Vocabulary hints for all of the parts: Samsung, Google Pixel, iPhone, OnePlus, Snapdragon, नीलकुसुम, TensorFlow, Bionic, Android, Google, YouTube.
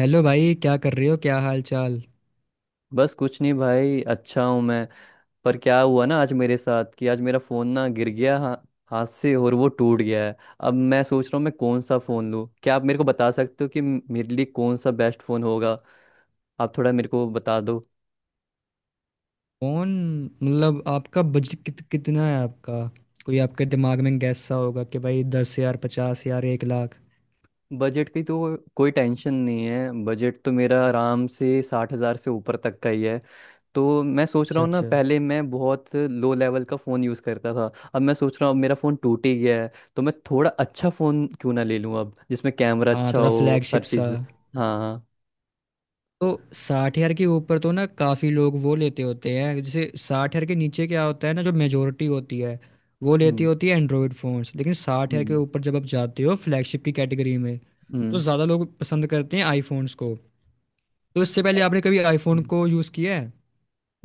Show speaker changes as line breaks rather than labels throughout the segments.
Hello भाई, क्या कर रहे हो? क्या हाल चाल?
बस कुछ नहीं भाई, अच्छा हूँ मैं। पर क्या हुआ ना आज मेरे साथ कि आज मेरा फोन ना गिर गया, हाथ से, और वो टूट गया है। अब मैं सोच रहा हूँ मैं कौन सा फोन लूँ, क्या आप मेरे को बता सकते हो कि मेरे लिए कौन सा बेस्ट फोन होगा? आप थोड़ा मेरे को बता दो।
कौन। मतलब आपका बजट कितना है आपका? कोई आपके दिमाग में गैस सा होगा कि भाई 10,000, 50,000, 1,00,000।
बजट की तो कोई टेंशन नहीं है, बजट तो मेरा आराम से 60,000 से ऊपर तक का ही है। तो मैं सोच रहा
अच्छा
हूँ ना,
अच्छा।
पहले मैं बहुत लो लेवल का फ़ोन यूज़ करता था। अब मैं सोच रहा हूँ अब मेरा फ़ोन टूट ही गया है तो मैं थोड़ा अच्छा फ़ोन क्यों ना ले लूँ, अब जिसमें कैमरा
हाँ,
अच्छा
थोड़ा
हो,
फ्लैगशिप
हर
सा।
चीज़। हाँ, हाँ।
तो 60,000 के ऊपर तो ना काफ़ी लोग वो लेते होते हैं। जैसे 60,000 के नीचे क्या होता है ना, जो मेजोरिटी होती है वो लेती
हम्म।
होती है एंड्रॉयड फ़ोन्स। लेकिन 60,000 के
हम्म।
ऊपर जब आप जाते हो फ्लैगशिप की कैटेगरी में, तो ज़्यादा लोग पसंद करते हैं आईफोन्स को। तो इससे पहले आपने कभी आईफोन
हम्म।
को यूज़ किया है?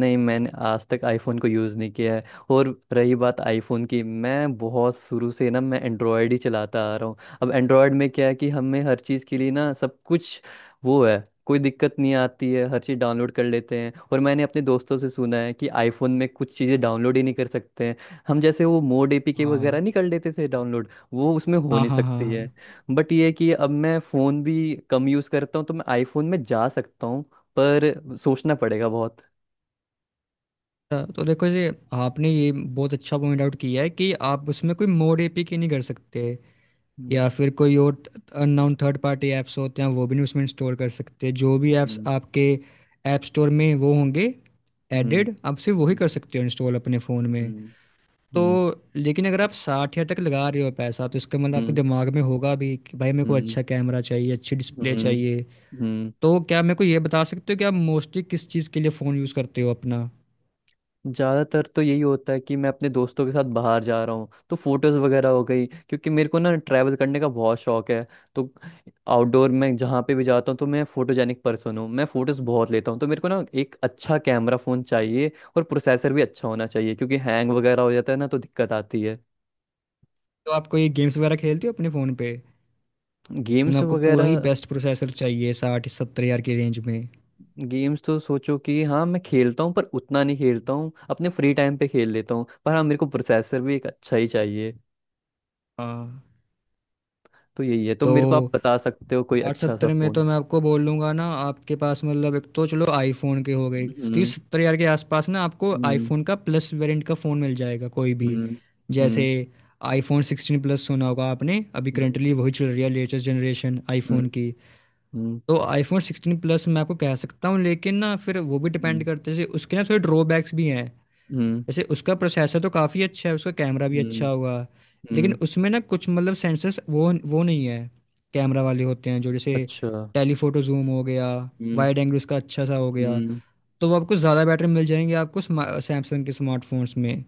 नहीं, मैंने आज तक आईफोन को यूज़ नहीं किया है। और रही बात आईफोन की, मैं बहुत शुरू से ना मैं एंड्रॉयड ही चलाता आ रहा हूँ। अब एंड्रॉयड में क्या है कि हमें हर चीज़ के लिए ना, सब कुछ वो है, कोई दिक्कत नहीं आती है, हर चीज़ डाउनलोड कर लेते हैं। और मैंने अपने दोस्तों से सुना है कि आईफोन में कुछ चीज़ें डाउनलोड ही नहीं कर सकते हैं हम, जैसे वो मोड एपीके वगैरह
हाँ,
नहीं कर लेते थे डाउनलोड, वो उसमें हो
हाँ,
नहीं
हाँ, हाँ,
सकती
हाँ।
है। बट ये है कि अब मैं फ़ोन भी कम यूज़ करता हूँ तो मैं आईफोन में जा सकता हूँ, पर सोचना पड़ेगा बहुत।
तो देखो जी, आपने ये बहुत अच्छा पॉइंट आउट किया है कि आप उसमें कोई मोड एपीके नहीं कर सकते,
हम्म।
या फिर कोई और अननोन थर्ड पार्टी ऐप्स होते हैं वो भी नहीं उसमें इंस्टॉल कर सकते। जो भी ऐप्स
हम्म।
आपके ऐप स्टोर में वो होंगे
हम्म।
एडेड, आप सिर्फ वही कर
हम्म।
सकते हो इंस्टॉल अपने फ़ोन में।
हम्म।
तो
हम्म।
लेकिन अगर आप 60,000 तक लगा रहे हो पैसा, तो इसका मतलब आपके दिमाग में होगा भी कि भाई मेरे को
हम्म।
अच्छा कैमरा चाहिए, अच्छी
हम्म,
डिस्प्ले
हम्म,
चाहिए।
हम्म।
तो क्या मेरे को ये बता सकते हो कि आप मोस्टली किस चीज़ के लिए फ़ोन यूज़ करते हो अपना?
ज्यादातर तो यही होता है कि मैं अपने दोस्तों के साथ बाहर जा रहा हूँ तो फोटोज वगैरह हो गई, क्योंकि मेरे को ना ट्रैवल करने का बहुत शौक है। तो आउटडोर में जहाँ पे भी जाता हूँ तो मैं फोटोजेनिक पर्सन हूँ, मैं फोटोज बहुत लेता हूँ, तो मेरे को ना एक अच्छा कैमरा फोन चाहिए। और प्रोसेसर भी अच्छा होना चाहिए क्योंकि हैंग वगैरह हो जाता है ना, तो दिक्कत आती है।
तो आपको ये गेम्स वगैरह खेलते हो अपने फ़ोन पे? मतलब
गेम्स
आपको पूरा ही
वगैरह।
बेस्ट प्रोसेसर चाहिए 60-70 हज़ार की रेंज में।
गेम्स तो सोचो कि हाँ मैं खेलता हूँ, पर उतना नहीं खेलता हूँ, अपने फ्री टाइम पे खेल लेता हूँ, पर हाँ मेरे को प्रोसेसर भी एक अच्छा ही चाहिए।
हाँ।
तो यही है, तो मेरे को आप
तो
बता सकते हो कोई अच्छा सा
60-70 में
फोन।
तो मैं आपको बोल लूँगा ना आपके पास, मतलब एक तो चलो आईफ़ोन के हो गए क्योंकि
हम्म।
70 हज़ार के आसपास ना आपको
हम्म।
आईफ़ोन का प्लस वेरिएंट का फ़ोन मिल जाएगा कोई भी।
हम्म। हम्म।
जैसे आईफ़ोन 16 प्लस सुना होगा आपने, अभी
हम्म।
करंटली वही चल रही है लेटेस्ट जनरेशन आईफ़ोन की।
हम्म।
तो आईफ़ोन 16 प्लस मैं आपको कह सकता हूँ, लेकिन ना फिर वो भी डिपेंड
हम्म।
करता है। जैसे उसके ना थोड़े ड्रॉबैक्स भी हैं।
हम्म। हम्म।
जैसे उसका प्रोसेसर तो काफ़ी अच्छा है, उसका कैमरा भी
हम्म,
अच्छा होगा। लेकिन
हम्म,
उसमें ना कुछ मतलब सेंसर्स वो नहीं है कैमरा वाले होते हैं, जो जैसे
अच्छा।
टेलीफोटो जूम हो गया,
हम्म।
वाइड एंगल उसका अच्छा सा हो गया।
हम्म।
तो वो आपको ज़्यादा बेटर मिल जाएंगे आपको सैमसंग के स्मार्टफोन्स में।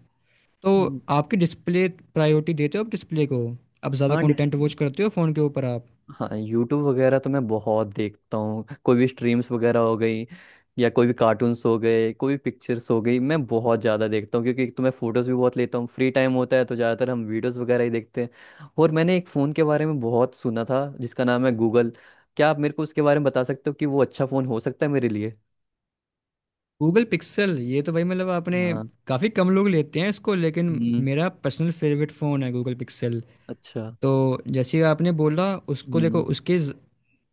तो
हम्म,
आपकी डिस्प्ले, प्रायोरिटी देते हो आप डिस्प्ले को? आप ज़्यादा
हाँ।
कंटेंट वॉच करते हो फ़ोन के ऊपर आप?
हाँ, यूट्यूब वगैरह तो मैं बहुत देखता हूँ, कोई भी स्ट्रीम्स वगैरह हो गई या कोई भी कार्टून्स हो गए, कोई भी पिक्चर्स हो गई, मैं बहुत ज़्यादा देखता हूँ। क्योंकि एक तो मैं फ़ोटोज़ भी बहुत लेता हूँ, फ्री टाइम होता है तो ज़्यादातर हम वीडियोज़ वगैरह ही देखते हैं। और मैंने एक फ़ोन के बारे में बहुत सुना था जिसका नाम है गूगल, क्या आप मेरे को उसके बारे में बता सकते हो कि वो अच्छा फ़ोन हो सकता है मेरे लिए?
Google Pixel. ये तो भाई मतलब आपने,
हाँ।
काफ़ी कम लोग लेते हैं इसको, लेकिन
हम्म।
मेरा पर्सनल फेवरेट फ़ोन है गूगल पिक्सल।
अच्छा।
तो जैसे आपने बोला उसको, देखो
हम्म।
उसके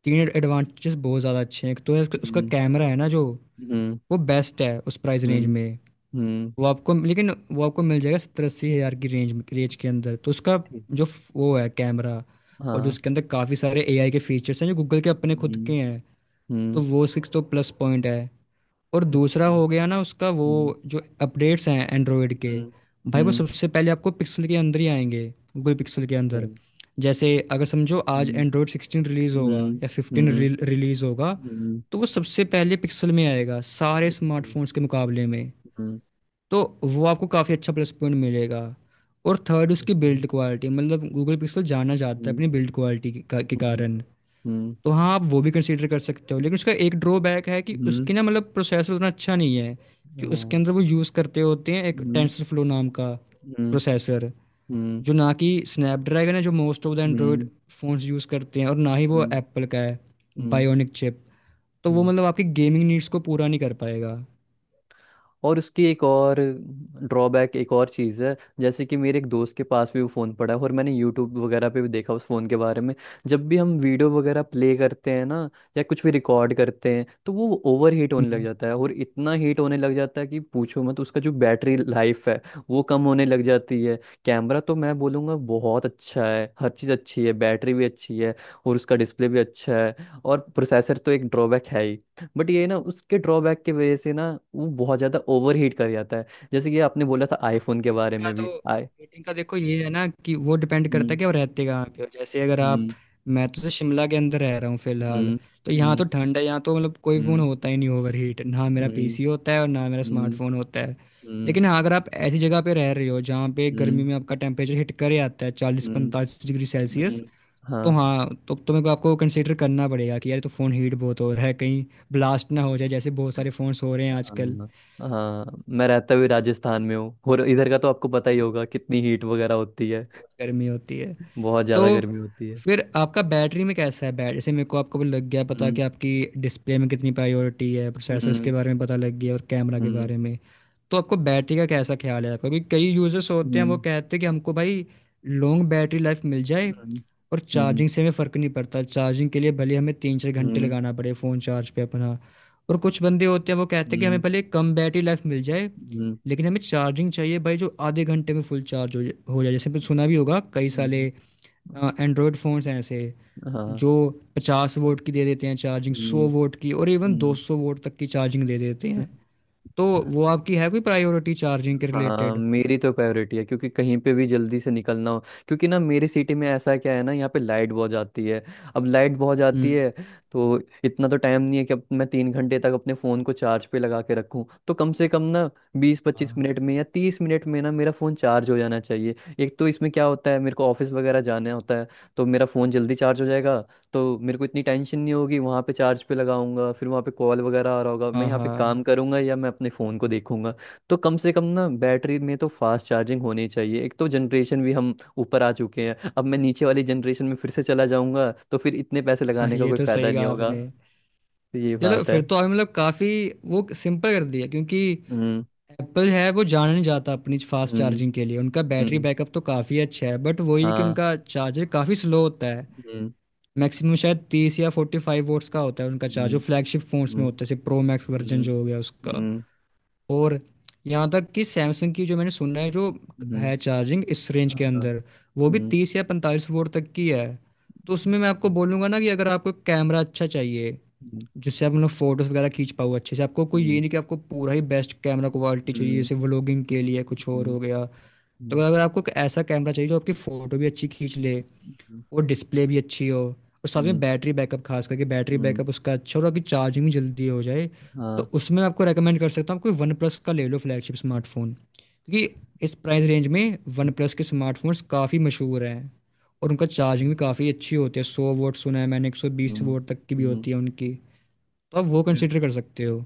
तीन एडवांटेजेस बहुत ज़्यादा अच्छे हैं। एक तो है उसका उसका
हम्म।
कैमरा है ना जो,
हम्म।
वो बेस्ट है उस प्राइस रेंज
हम्म।
में।
हम्म।
वो आपको, लेकिन वो आपको मिल जाएगा 70-80,000 की रेंज में- रेंज के अंदर। तो उसका
ठीक।
जो वो है कैमरा। और जो
हाँ।
उसके अंदर काफ़ी सारे एआई के फीचर्स हैं जो गूगल के अपने खुद के
हम्म।
हैं। तो
हम्म।
वो सिक्स तो प्लस पॉइंट है। और दूसरा
अच्छा।
हो गया ना उसका वो,
हम्म।
जो अपडेट्स हैं एंड्रॉयड के,
हम्म।
भाई वो
हम्म।
सबसे पहले आपको पिक्सल के अंदर ही आएंगे, गूगल पिक्सल के
अच्छा,
अंदर। जैसे अगर समझो आज
हुँ,
एंड्रॉयड 16 रिलीज़ होगा
हुँ,
या 15
हुँ,
रिलीज़ होगा,
हुँ,
तो वो सबसे पहले पिक्सल में आएगा सारे
ओके,
स्मार्टफोन्स के मुकाबले में।
हुँ,
तो वो आपको काफ़ी अच्छा प्लस पॉइंट मिलेगा। और थर्ड उसकी
ओके,
बिल्ड क्वालिटी, मतलब गूगल पिक्सल जाना जाता है
हुँ,
अपनी बिल्ड क्वालिटी के के
हुँ,
कारण।
हुँ,
तो हाँ, आप वो भी कंसीडर कर सकते हो। लेकिन उसका एक ड्रॉबैक है कि
हुँ,
उसकी ना मतलब प्रोसेसर उतना अच्छा नहीं है, कि उसके
हाँ,
अंदर वो यूज़ करते होते हैं एक
हुँ,
टेंसर फ्लो नाम का
हुँ,
प्रोसेसर,
हुँ,
जो ना कि स्नैपड्रैगन है जो मोस्ट ऑफ द एंड्रॉयड
हुँ,
फोन्स यूज़ करते हैं, और ना ही वो
हुँ,
एप्पल का है
हुँ,
बायोनिक चिप। तो वो
हुँ।
मतलब आपकी गेमिंग नीड्स को पूरा नहीं कर पाएगा।
और उसकी एक और, ड्रॉबैक एक और चीज़ है, जैसे कि मेरे एक दोस्त के पास भी वो फ़ोन पड़ा है और मैंने यूट्यूब वगैरह पे भी देखा उस फ़ोन के बारे में। जब भी हम वीडियो वगैरह प्ले करते हैं ना या कुछ भी रिकॉर्ड करते हैं, तो वो ओवर हीट होने लग जाता है और इतना हीट होने लग जाता है कि पूछो मत, उसका जो बैटरी लाइफ है वो कम होने लग जाती है। कैमरा तो मैं बोलूँगा बहुत अच्छा है, हर चीज़ अच्छी है, बैटरी भी अच्छी है, और उसका डिस्प्ले भी अच्छा है, और प्रोसेसर तो एक ड्रॉबैक है ही। बट ये ना उसके ड्रॉबैक की वजह से ना वो बहुत ज़्यादा ओवर हीट कर जाता है। जैसे कि आपने बोला था आईफोन के
मीटिंग
बारे
का
में भी
तो,
आई।
मीटिंग का देखो ये है ना, कि वो डिपेंड करता
हम्म।
है कि आप रहते कहाँ पे हो। जैसे अगर आप,
हम्म।
मैं तो से शिमला के अंदर रह रहा हूँ फिलहाल।
हम्म।
तो यहाँ
हम्म।
तो ठंड है, यहाँ तो मतलब कोई फ़ोन
हम्म।
होता ही नहीं ओवर हीट। ना मेरा
हम्म।
पीसी होता है और ना मेरा
हम्म।
स्मार्टफोन होता है।
हम्म।
लेकिन हाँ, अगर आप ऐसी जगह पे रह रहे हो जहाँ पे गर्मी
हम्म।
में आपका टेम्परेचर हिट करे आता है चालीस
हम्म,
पैंतालीस डिग्री सेल्सियस
हम्म,
तो
हाँ।
हाँ, तो तुम्हें को आपको कंसिडर करना पड़ेगा कि यार ये तो फ़ोन हीट बहुत हो रहा है, कहीं ब्लास्ट ना हो जाए। जैसे बहुत सारे फ़ोन्स हो रहे हैं आजकल।
हाँ, हाँ, मैं रहता भी राजस्थान में हूँ, और इधर का तो आपको पता ही होगा कितनी हीट वगैरह होती है।
बहुत गर्मी होती है।
बहुत
तो
ज़्यादा गर्मी होती है।
फिर आपका बैटरी में कैसा है बैटरी? जैसे मेरे को आपको लग गया पता कि
हम्म।
आपकी डिस्प्ले में कितनी प्रायोरिटी है, प्रोसेसर्स के
हम्म।
बारे में पता लग गया, और कैमरा के
हम्म।
बारे में। तो आपको बैटरी का कैसा ख्याल है आपका? क्योंकि कई यूजर्स होते हैं वो
हम्म।
कहते हैं कि हमको भाई लॉन्ग बैटरी लाइफ मिल जाए,
हम्म।
और
हम्म।
चार्जिंग से हमें फ़र्क नहीं पड़ता। चार्जिंग के लिए भले हमें 3-4 घंटे
हम्म।
लगाना पड़े फ़ोन चार्ज पे अपना। और कुछ बंदे होते हैं वो कहते हैं कि हमें
हम्म,
भले कम बैटरी लाइफ मिल जाए,
हम्म,
लेकिन हमें चार्जिंग चाहिए भाई, जो आधे घंटे में फुल चार्ज हो जाए। जैसे आपने सुना भी होगा कई सारे
हम्म,
एंड्रॉयड फ़ोन्स हैं ऐसे
हाँ।
जो 50 वोट की दे देते हैं चार्जिंग,
हम्म।
100 वोट की, और इवन दो
हम्म।
सौ वोट तक की चार्जिंग दे देते हैं। तो वो आपकी है कोई प्रायोरिटी चार्जिंग के
हाँ,
रिलेटेड?
मेरी तो प्रायोरिटी है, क्योंकि कहीं पे भी जल्दी से निकलना हो, क्योंकि ना मेरी सिटी में ऐसा क्या है ना यहाँ पे लाइट बहुत जाती है। अब लाइट बहुत जाती
हम्म।
है, तो इतना तो टाइम नहीं है कि अब मैं 3 घंटे तक अपने फ़ोन को चार्ज पे लगा के रखूँ। तो कम से कम ना बीस पच्चीस
हाँ,
मिनट में या 30 मिनट में ना मेरा फ़ोन चार्ज हो जाना चाहिए। एक तो इसमें क्या होता है मेरे को ऑफिस वगैरह जाना होता है, तो मेरा फ़ोन जल्दी चार्ज हो जाएगा, तो मेरे को इतनी टेंशन नहीं होगी, वहाँ पे चार्ज पे लगाऊंगा, फिर वहाँ पे कॉल वगैरह आ रहा होगा, मैं
हाँ,
यहाँ पे
हाँ,
काम करूंगा या मैं अपने फ़ोन को देखूंगा। तो कम से कम ना बैटरी में तो फास्ट चार्जिंग होनी चाहिए। एक तो जनरेशन भी हम ऊपर आ चुके हैं, अब मैं नीचे वाली जनरेशन में फिर से चला जाऊंगा तो फिर इतने पैसे
हाँ,
लगाने का
ये
कोई
तो
फायदा
सही
नहीं
कहा
होगा।
आपने।
तो ये
चलो
बात
फिर
है।
तो आपने मतलब काफ़ी वो सिंपल कर दिया, क्योंकि
हम्म।
एप्पल है, वो जाना नहीं जाता अपनी फास्ट
हम्म।
चार्जिंग के लिए। उनका बैटरी
हम्म।
बैकअप तो काफ़ी अच्छा है, बट वही है कि
हाँ।
उनका चार्जर काफ़ी स्लो होता है।
हम्म।
मैक्सिमम शायद 30 या 45 वोट्स का होता है उनका चार्ज,
हम्म।
जो फ्लैगशिप फोन्स
हम्म।
में होता है जैसे प्रो मैक्स वर्जन
हम्म।
जो हो गया उसका।
हम्म।
और यहाँ तक कि सैमसंग की जो मैंने सुना है, जो
हम्म,
है चार्जिंग इस रेंज के
हाँ,
अंदर, वो भी
हम्म,
30 या 45 वोल्ट तक की है। तो उसमें मैं आपको बोलूँगा ना कि अगर आपको कैमरा अच्छा चाहिए
हम्म,
जिससे आप मतलब फोटोज़ वगैरह खींच पाओ अच्छे से, आपको कोई
हम्म,
ये नहीं कि आपको पूरा ही बेस्ट कैमरा क्वालिटी चाहिए
हम्म,
जैसे व्लॉगिंग के लिए कुछ और
हम्म,
हो गया। तो
हम्म,
अगर आपको एक ऐसा कैमरा चाहिए जो आपकी फ़ोटो भी अच्छी खींच ले, और डिस्प्ले भी अच्छी हो, और साथ
हम्म,
में
हम्म,
बैटरी बैकअप, खास करके बैटरी
हम्म,
बैकअप उसका अच्छा हो, और आपकी चार्जिंग भी जल्दी हो जाए, तो
हाँ,
उसमें मैं आपको रेकमेंड कर सकता हूँ आप कोई वन प्लस का ले लो फ्लैगशिप स्मार्टफोन। क्योंकि इस प्राइस रेंज में वन
हम्म,
प्लस के स्मार्टफोन्स काफ़ी मशहूर हैं, और उनका चार्जिंग भी काफ़ी अच्छी होती है। 100 वोट सुना है मैंने, एक सौ बीस
हम्म,
वोट तक की भी
हम्म,
होती है उनकी। तो आप वो
हम्म,
कंसिडर कर सकते हो।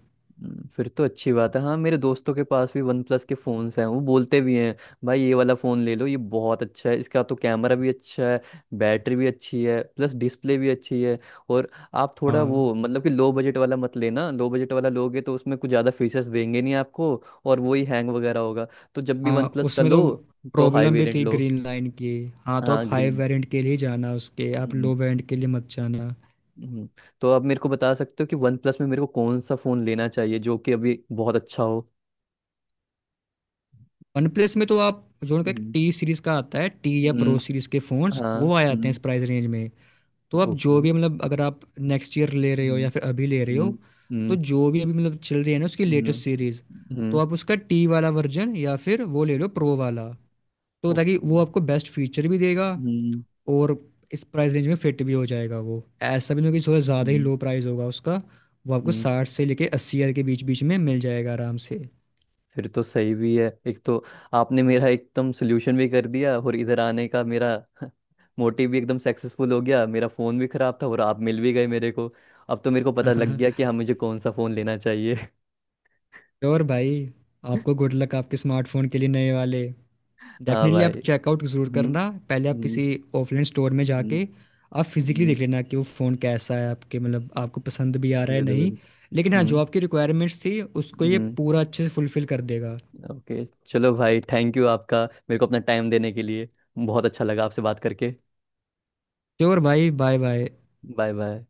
हम्म। फिर तो अच्छी बात है, हाँ मेरे दोस्तों के पास भी वन प्लस के फ़ोन्स हैं, वो बोलते भी हैं, भाई ये वाला फ़ोन ले लो, ये बहुत अच्छा है, इसका तो कैमरा भी अच्छा है, बैटरी भी अच्छी है, प्लस डिस्प्ले भी अच्छी है। और आप थोड़ा
हाँ।
वो मतलब कि लो बजट वाला मत लेना, लो बजट वाला लोगे तो उसमें कुछ ज़्यादा फीचर्स देंगे नहीं आपको, और वही हैंग वगैरह होगा। तो जब भी
हाँ,
वन प्लस का
उसमें तो
लो तो हाई
प्रॉब्लम भी
वेरिएंट
थी
लो।
ग्रीन लाइन की। हाँ, तो
हाँ,
आप हाई
ग्रीन।
वेरिएंट के लिए जाना, उसके आप लो
हम्म।
वेरिएंट के लिए मत जाना।
हम्म। तो आप मेरे को बता सकते हो कि वन प्लस में मेरे को कौन सा फ़ोन लेना चाहिए जो कि अभी बहुत अच्छा हो?
वनप्लस में तो आप जो उनका एक टी सीरीज का आता है, टी या प्रो
हम्म।
सीरीज के फोन्स
हाँ।
वो आ जाते हैं इस
हम्म।
प्राइस रेंज में। तो आप
ओके।
जो भी मतलब, अगर आप नेक्स्ट ईयर ले रहे हो
हम्म।
या फिर अभी ले रहे हो,
हम्म।
तो
हम्म।
जो भी अभी मतलब चल रही है ना उसकी
हम्म।
लेटेस्ट सीरीज, तो
हम्म।
आप उसका टी वाला वर्जन या फिर वो ले लो प्रो वाला। तो ताकि
ओके।
वो आपको बेस्ट फीचर भी देगा,
हम्म।
और इस प्राइस रेंज में फिट भी हो जाएगा, वो ऐसा भी नहीं होगा कि थोड़ा ज़्यादा ही
हम्म।
लो प्राइस होगा उसका। वो आपको
हम्म।
60 से लेके 80,000 के बीच बीच में मिल जाएगा आराम से।
फिर तो सही भी है, एक तो आपने मेरा एकदम सोल्यूशन भी कर दिया, और इधर आने का मेरा मोटिव भी एकदम सक्सेसफुल हो गया, मेरा फ़ोन भी ख़राब था और आप मिल भी गए मेरे को। अब तो मेरे को पता लग गया कि हाँ, मुझे कौन सा फ़ोन लेना चाहिए।
श्योर भाई। आपको गुड लक आपके स्मार्टफोन के लिए, नए वाले।
हाँ
डेफिनेटली
भाई।
आप चेकआउट ज़रूर
हम्म।
करना, पहले आप
हम्म।
किसी ऑफलाइन स्टोर में
हम्म।
जाके आप फिजिकली
हम्म,
देख लेना कि वो फ़ोन कैसा है आपके, मतलब आपको पसंद भी आ रहा है नहीं।
जरूर।
लेकिन हाँ, जो
हम्म।
आपकी रिक्वायरमेंट्स थी उसको ये
हम्म।
पूरा अच्छे से फुलफिल कर देगा।
ओके, चलो भाई, थैंक यू आपका, मेरे को अपना टाइम देने के लिए। बहुत अच्छा लगा आपसे बात करके।
श्योर भाई, बाय बाय।
Bye bye.